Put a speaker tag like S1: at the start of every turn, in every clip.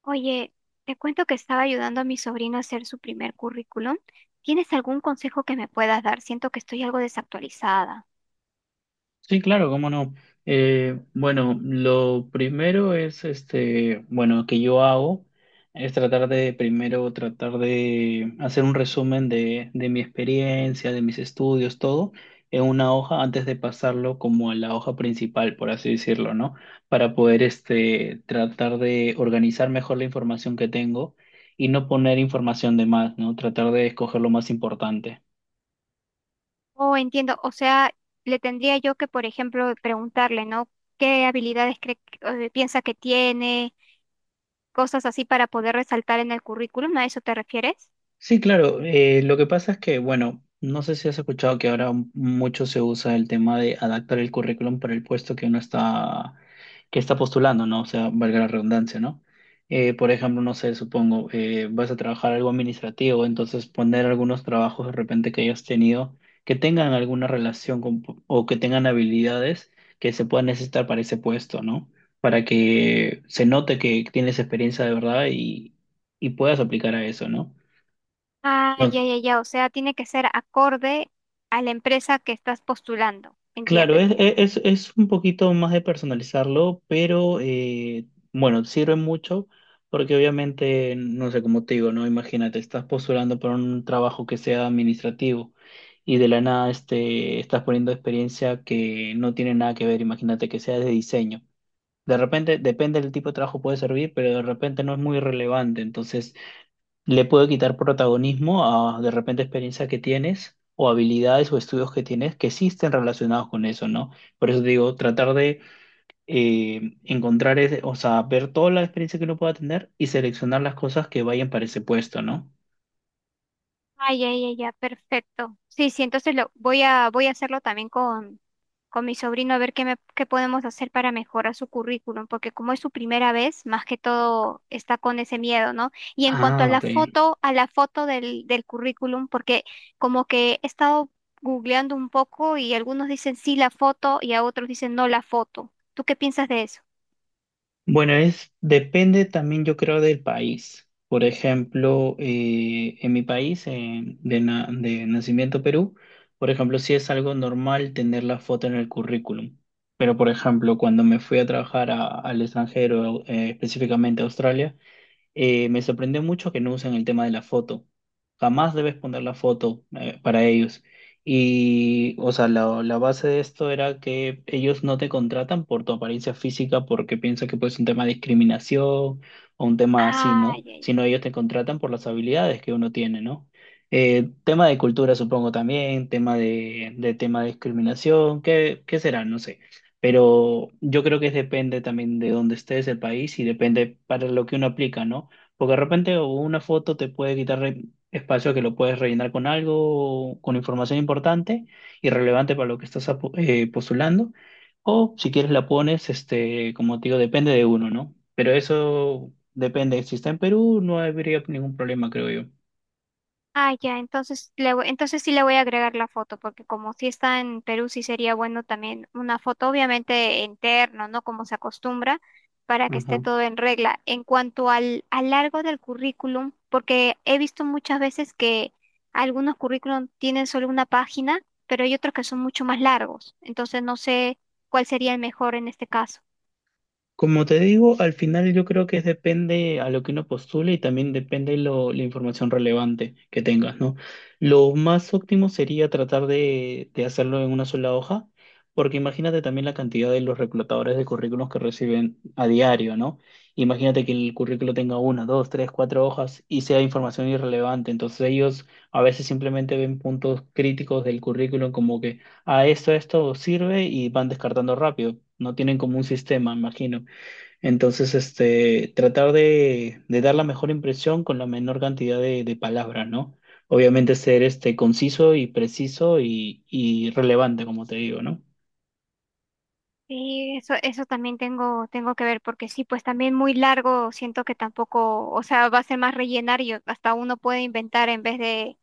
S1: Oye, te cuento que estaba ayudando a mi sobrino a hacer su primer currículum. ¿Tienes algún consejo que me puedas dar? Siento que estoy algo desactualizada.
S2: Sí, claro, cómo no. Bueno, lo primero es, bueno, que yo hago es tratar de, primero, tratar de hacer un resumen de mi experiencia, de mis estudios, todo, en una hoja antes de pasarlo como a la hoja principal, por así decirlo, ¿no? Para poder, tratar de organizar mejor la información que tengo y no poner información de más, ¿no? Tratar de escoger lo más importante.
S1: Oh, entiendo. O sea, le tendría yo que, por ejemplo, preguntarle, ¿no? ¿Qué habilidades cree, piensa que tiene? Cosas así para poder resaltar en el currículum. ¿A eso te refieres?
S2: Sí, claro. Lo que pasa es que, bueno, no sé si has escuchado que ahora mucho se usa el tema de adaptar el currículum para el puesto que que está postulando, ¿no? O sea, valga la redundancia, ¿no? Por ejemplo, no sé, supongo, vas a trabajar algo administrativo, entonces poner algunos trabajos de repente que hayas tenido que tengan alguna relación con, o que tengan habilidades que se puedan necesitar para ese puesto, ¿no? Para que se note que tienes experiencia de verdad y puedas aplicar a eso, ¿no?
S1: Ah, ya, ya, ya. O sea, tiene que ser acorde a la empresa que estás postulando. Entiendo,
S2: Claro, es, e,
S1: entiendo.
S2: es, es un poquito más de personalizarlo, pero bueno, sirve mucho porque obviamente, no sé, cómo te digo, ¿no? Imagínate, estás postulando para un trabajo que sea administrativo y de la nada estás poniendo experiencia que no tiene nada que ver, imagínate que sea de diseño. De repente, depende del tipo de trabajo puede servir, pero de repente no es muy relevante, entonces le puede quitar protagonismo a de repente experiencias que tienes o habilidades o estudios que tienes que sí estén relacionados con eso, ¿no? Por eso te digo, tratar de encontrar, o sea, ver toda la experiencia que uno pueda tener y seleccionar las cosas que vayan para ese puesto, ¿no?
S1: Ay, ay, ay, ya, perfecto. Sí, sí, entonces lo voy a hacerlo también con mi sobrino a ver qué me, qué podemos hacer para mejorar su currículum, porque como es su primera vez, más que todo está con ese miedo, ¿no? Y en cuanto a
S2: Ah,
S1: la
S2: ok.
S1: foto, a la foto del currículum, porque como que he estado googleando un poco y algunos dicen sí la foto y a otros dicen no la foto. ¿Tú qué piensas de eso?
S2: Bueno, depende también yo creo del país. Por ejemplo, en mi país, de nacimiento Perú, por ejemplo, sí es algo normal tener la foto en el currículum. Pero, por ejemplo, cuando me fui a trabajar al extranjero, específicamente a Australia, me sorprendió mucho que no usen el tema de la foto. Jamás debes poner la foto para ellos. Y, o sea, la base de esto era que ellos no te contratan por tu apariencia física porque piensan que pues es un tema de discriminación o un tema así,
S1: Ay,
S2: ¿no?
S1: ay,
S2: Sino
S1: ay.
S2: ellos te contratan por las habilidades que uno tiene, ¿no? Tema de cultura, supongo también, tema de tema de discriminación, ¿qué será? No sé. Pero yo creo que depende también de dónde estés, el país, y depende para lo que uno aplica, ¿no? Porque de repente o una foto te puede quitar espacio que lo puedes rellenar con algo, o con información importante y relevante para lo que estás postulando. O si quieres la pones, como te digo, depende de uno, ¿no? Pero eso depende. Si está en Perú, no habría ningún problema, creo yo.
S1: Ah, ya, entonces sí le voy a agregar la foto, porque como sí está en Perú, sí sería bueno también una foto, obviamente interno, ¿no? Como se acostumbra, para que esté todo en regla. En cuanto al largo del currículum, porque he visto muchas veces que algunos currículum tienen solo una página, pero hay otros que son mucho más largos. Entonces no sé cuál sería el mejor en este caso.
S2: Como te digo, al final yo creo que depende a lo que uno postule y también depende la información relevante que tengas, ¿no? Lo más óptimo sería tratar de hacerlo en una sola hoja, porque imagínate también la cantidad de los reclutadores de currículos que reciben a diario, ¿no? Imagínate que el currículo tenga una, dos, tres, cuatro hojas y sea información irrelevante. Entonces ellos a veces simplemente ven puntos críticos del currículum como que a esto, esto sirve y van descartando rápido. No tienen como un sistema, imagino. Entonces, tratar de dar la mejor impresión con la menor cantidad de palabras, ¿no? Obviamente ser conciso y preciso y relevante, como te digo, ¿no?
S1: Sí, eso también tengo que ver, porque sí, pues también muy largo, siento que tampoco, o sea, va a ser más rellenar y hasta uno puede inventar en vez de,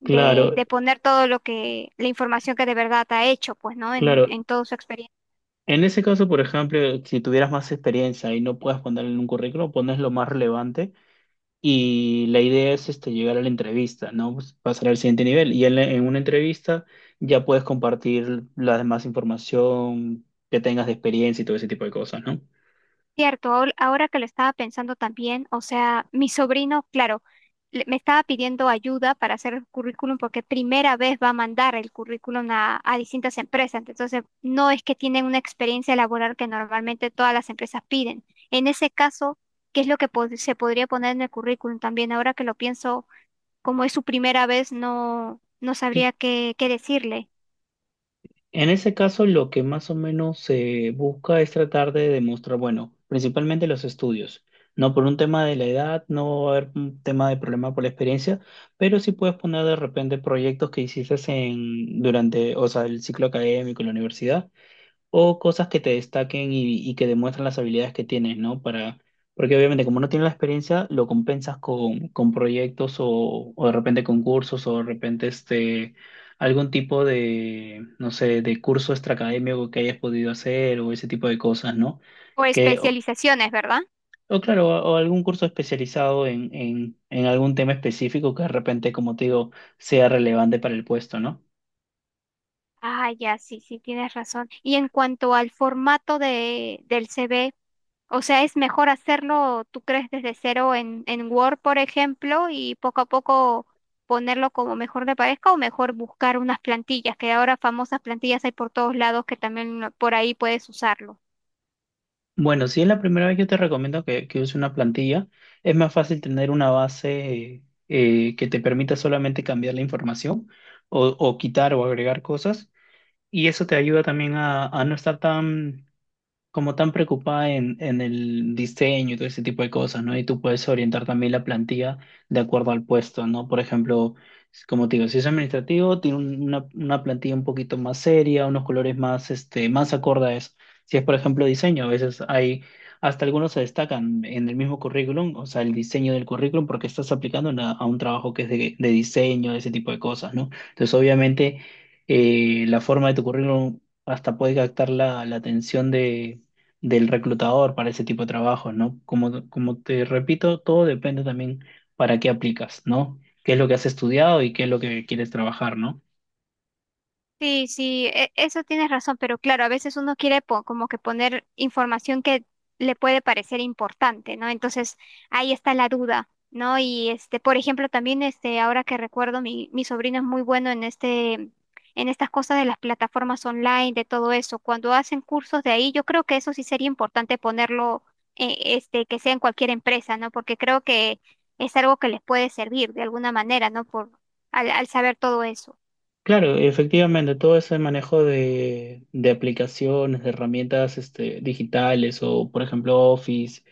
S1: de,
S2: Claro,
S1: de poner todo lo que, la información que de verdad ha hecho, pues, ¿no?
S2: claro.
S1: En toda su experiencia.
S2: En ese caso, por ejemplo, si tuvieras más experiencia y no puedes ponerlo en un currículum, pones lo más relevante y la idea es llegar a la entrevista, ¿no? Pues, pasar al siguiente nivel. Y en una entrevista ya puedes compartir la demás información que tengas de experiencia y todo ese tipo de cosas, ¿no?
S1: Cierto, ahora que lo estaba pensando también, o sea, mi sobrino, claro, me estaba pidiendo ayuda para hacer el currículum porque primera vez va a mandar el currículum a distintas empresas, entonces no es que tienen una experiencia laboral que normalmente todas las empresas piden. En ese caso, ¿qué es lo que se podría poner en el currículum también? Ahora que lo pienso, como es su primera vez, no, no sabría qué, qué decirle.
S2: En ese caso, lo que más o menos se busca es tratar de demostrar, bueno, principalmente los estudios. No por un tema de la edad, no va a haber un tema de problema por la experiencia, pero sí puedes poner de repente proyectos que hiciste durante, o sea, el ciclo académico, la universidad, o cosas que te destaquen y que demuestren las habilidades que tienes, ¿no? Para, porque obviamente como no tienes la experiencia, lo compensas con proyectos o, de repente concursos o de repente algún tipo de, no sé, de curso extraacadémico que hayas podido hacer o ese tipo de cosas, ¿no?
S1: O
S2: Que, o,
S1: especializaciones, ¿verdad?
S2: o claro, o algún curso especializado en algún tema específico que de repente, como te digo, sea relevante para el puesto, ¿no?
S1: Ah, ya, sí, sí, tienes razón. Y en cuanto al formato de, del CV, o sea, ¿es mejor hacerlo, tú crees, desde cero en Word, por ejemplo, y poco a poco ponerlo como mejor te parezca o mejor buscar unas plantillas, que ahora famosas plantillas hay por todos lados que también por ahí puedes usarlo?
S2: Bueno, si es la primera vez, yo te recomiendo que uses una plantilla. Es más fácil tener una base que te permita solamente cambiar la información o, quitar o agregar cosas. Y eso te ayuda también a no estar tan, como tan preocupada en el diseño y todo ese tipo de cosas, ¿no? Y tú puedes orientar también la plantilla de acuerdo al puesto, ¿no? Por ejemplo, como te digo, si es administrativo, tiene una plantilla un poquito más seria, unos colores más, más acorde a eso. Si es, por ejemplo, diseño, a veces hasta algunos se destacan en el mismo currículum, o sea, el diseño del currículum, porque estás aplicando en a un trabajo que es de diseño, ese tipo de cosas, ¿no? Entonces, obviamente, la forma de tu currículum hasta puede captar la atención del reclutador para ese tipo de trabajos, ¿no? Como te repito, todo depende también para qué aplicas, ¿no? ¿Qué es lo que has estudiado y qué es lo que quieres trabajar, ¿no?
S1: Sí, sí, eso tienes razón, pero claro, a veces uno quiere como que poner información que le puede parecer importante, ¿no? Entonces ahí está la duda, ¿no? Y este, por ejemplo, también este, ahora que recuerdo, mi sobrino es muy bueno en este, en estas cosas de las plataformas online, de todo eso. Cuando hacen cursos de ahí, yo creo que eso sí sería importante ponerlo, que sea en cualquier empresa, ¿no? Porque creo que es algo que les puede servir de alguna manera, ¿no? Por, al saber todo eso.
S2: Claro, efectivamente, todo ese manejo de aplicaciones, de herramientas digitales o, por ejemplo, Office,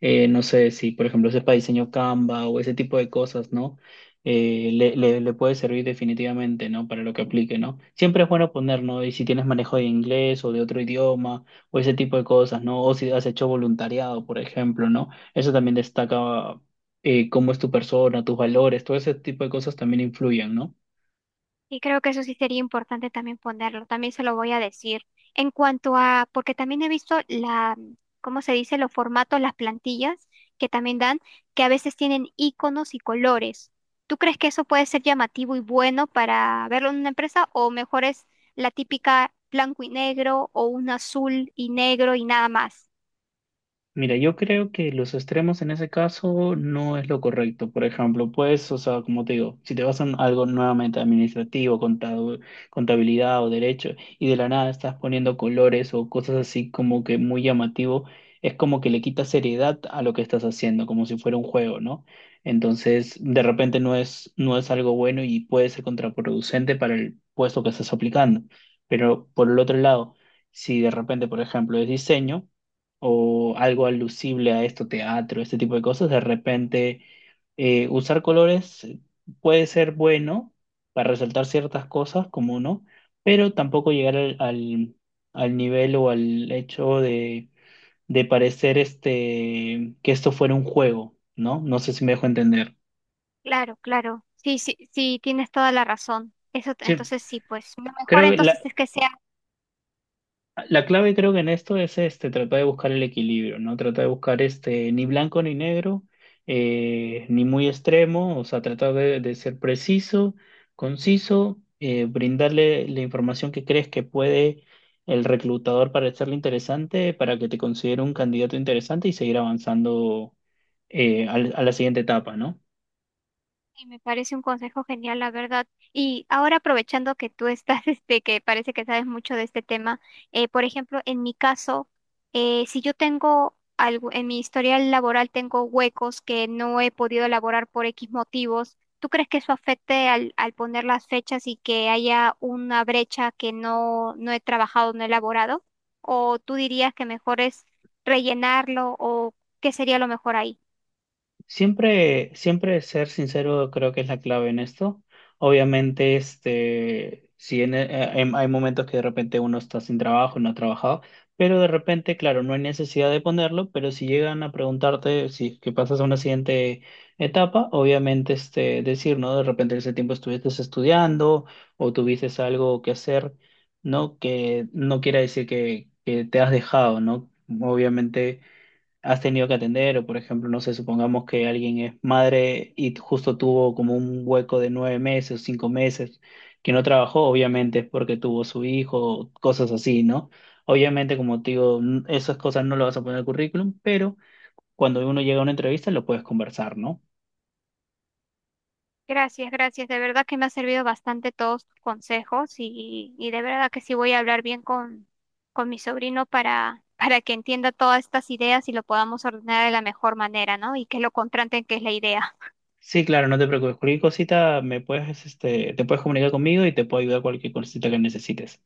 S2: no sé si, por ejemplo, sepa diseño Canva o ese tipo de cosas, ¿no? Le puede servir definitivamente, ¿no? Para lo que aplique, ¿no? Siempre es bueno poner, ¿no? Y si tienes manejo de inglés o de otro idioma o ese tipo de cosas, ¿no? O si has hecho voluntariado, por ejemplo, ¿no? Eso también destaca cómo es tu persona, tus valores, todo ese tipo de cosas también influyen, ¿no?
S1: Y creo que eso sí sería importante también ponerlo, también se lo voy a decir. En cuanto a, porque también he visto la, ¿cómo se dice? Los formatos, las plantillas que también dan, que a veces tienen iconos y colores. ¿Tú crees que eso puede ser llamativo y bueno para verlo en una empresa o mejor es la típica blanco y negro o un azul y negro y nada más?
S2: Mira, yo creo que los extremos en ese caso no es lo correcto. Por ejemplo, pues, o sea, como te digo, si te vas a algo nuevamente administrativo, contabilidad o derecho, y de la nada estás poniendo colores o cosas así como que muy llamativo, es como que le quitas seriedad a lo que estás haciendo, como si fuera un juego, ¿no? Entonces, de repente no no es algo bueno y puede ser contraproducente para el puesto que estás aplicando. Pero por el otro lado, si de repente, por ejemplo, es diseño, o algo alusible a esto, teatro, este tipo de cosas, de repente usar colores puede ser bueno para resaltar ciertas cosas, como no, pero tampoco llegar al nivel o al hecho de parecer que esto fuera un juego, ¿no? No sé si me dejo entender.
S1: Claro, claro. Sí, sí, sí, tienes toda la razón. Eso,
S2: Sí,
S1: entonces sí, pues lo mejor
S2: creo, que
S1: entonces es que sea.
S2: la clave creo que en esto es tratar de buscar el equilibrio, ¿no? Tratar de buscar ni blanco ni negro, ni muy extremo, o sea, tratar de ser preciso, conciso, brindarle la información que crees que puede el reclutador para hacerle interesante, para que te considere un candidato interesante y seguir avanzando a la siguiente etapa, ¿no?
S1: Y me parece un consejo genial, la verdad. Y ahora aprovechando que tú estás, este, que parece que sabes mucho de este tema, por ejemplo, en mi caso, si yo tengo algo, en mi historial laboral tengo huecos que no he podido elaborar por X motivos, ¿tú crees que eso afecte al poner las fechas y que haya una brecha que no he trabajado, no he elaborado? ¿O tú dirías que mejor es rellenarlo o qué sería lo mejor ahí?
S2: Siempre, siempre ser sincero creo que es la clave en esto. Obviamente, si hay momentos que de repente uno está sin trabajo, no ha trabajado, pero de repente, claro, no hay necesidad de ponerlo, pero si llegan a preguntarte si es que pasas a una siguiente etapa, obviamente, decir, ¿no? De repente ese tiempo estuviste estudiando o tuviste algo que hacer, ¿no? Que no quiera decir que te has dejado, ¿no? Obviamente has tenido que atender, o por ejemplo, no sé, supongamos que alguien es madre y justo tuvo como un hueco de 9 meses o 5 meses que no trabajó, obviamente es porque tuvo su hijo, cosas así, ¿no? Obviamente, como te digo, esas cosas no lo vas a poner en el currículum, pero cuando uno llega a una entrevista lo puedes conversar, ¿no?
S1: Gracias, gracias. De verdad que me ha servido bastante todos tus consejos y de verdad que sí voy a hablar bien con mi sobrino para, para que entienda todas estas ideas y lo podamos ordenar de la mejor manera, ¿no? Y que lo contraten, que es la idea.
S2: Sí, claro, no te preocupes. Cualquier cosita te puedes comunicar conmigo y te puedo ayudar cualquier cosita que necesites.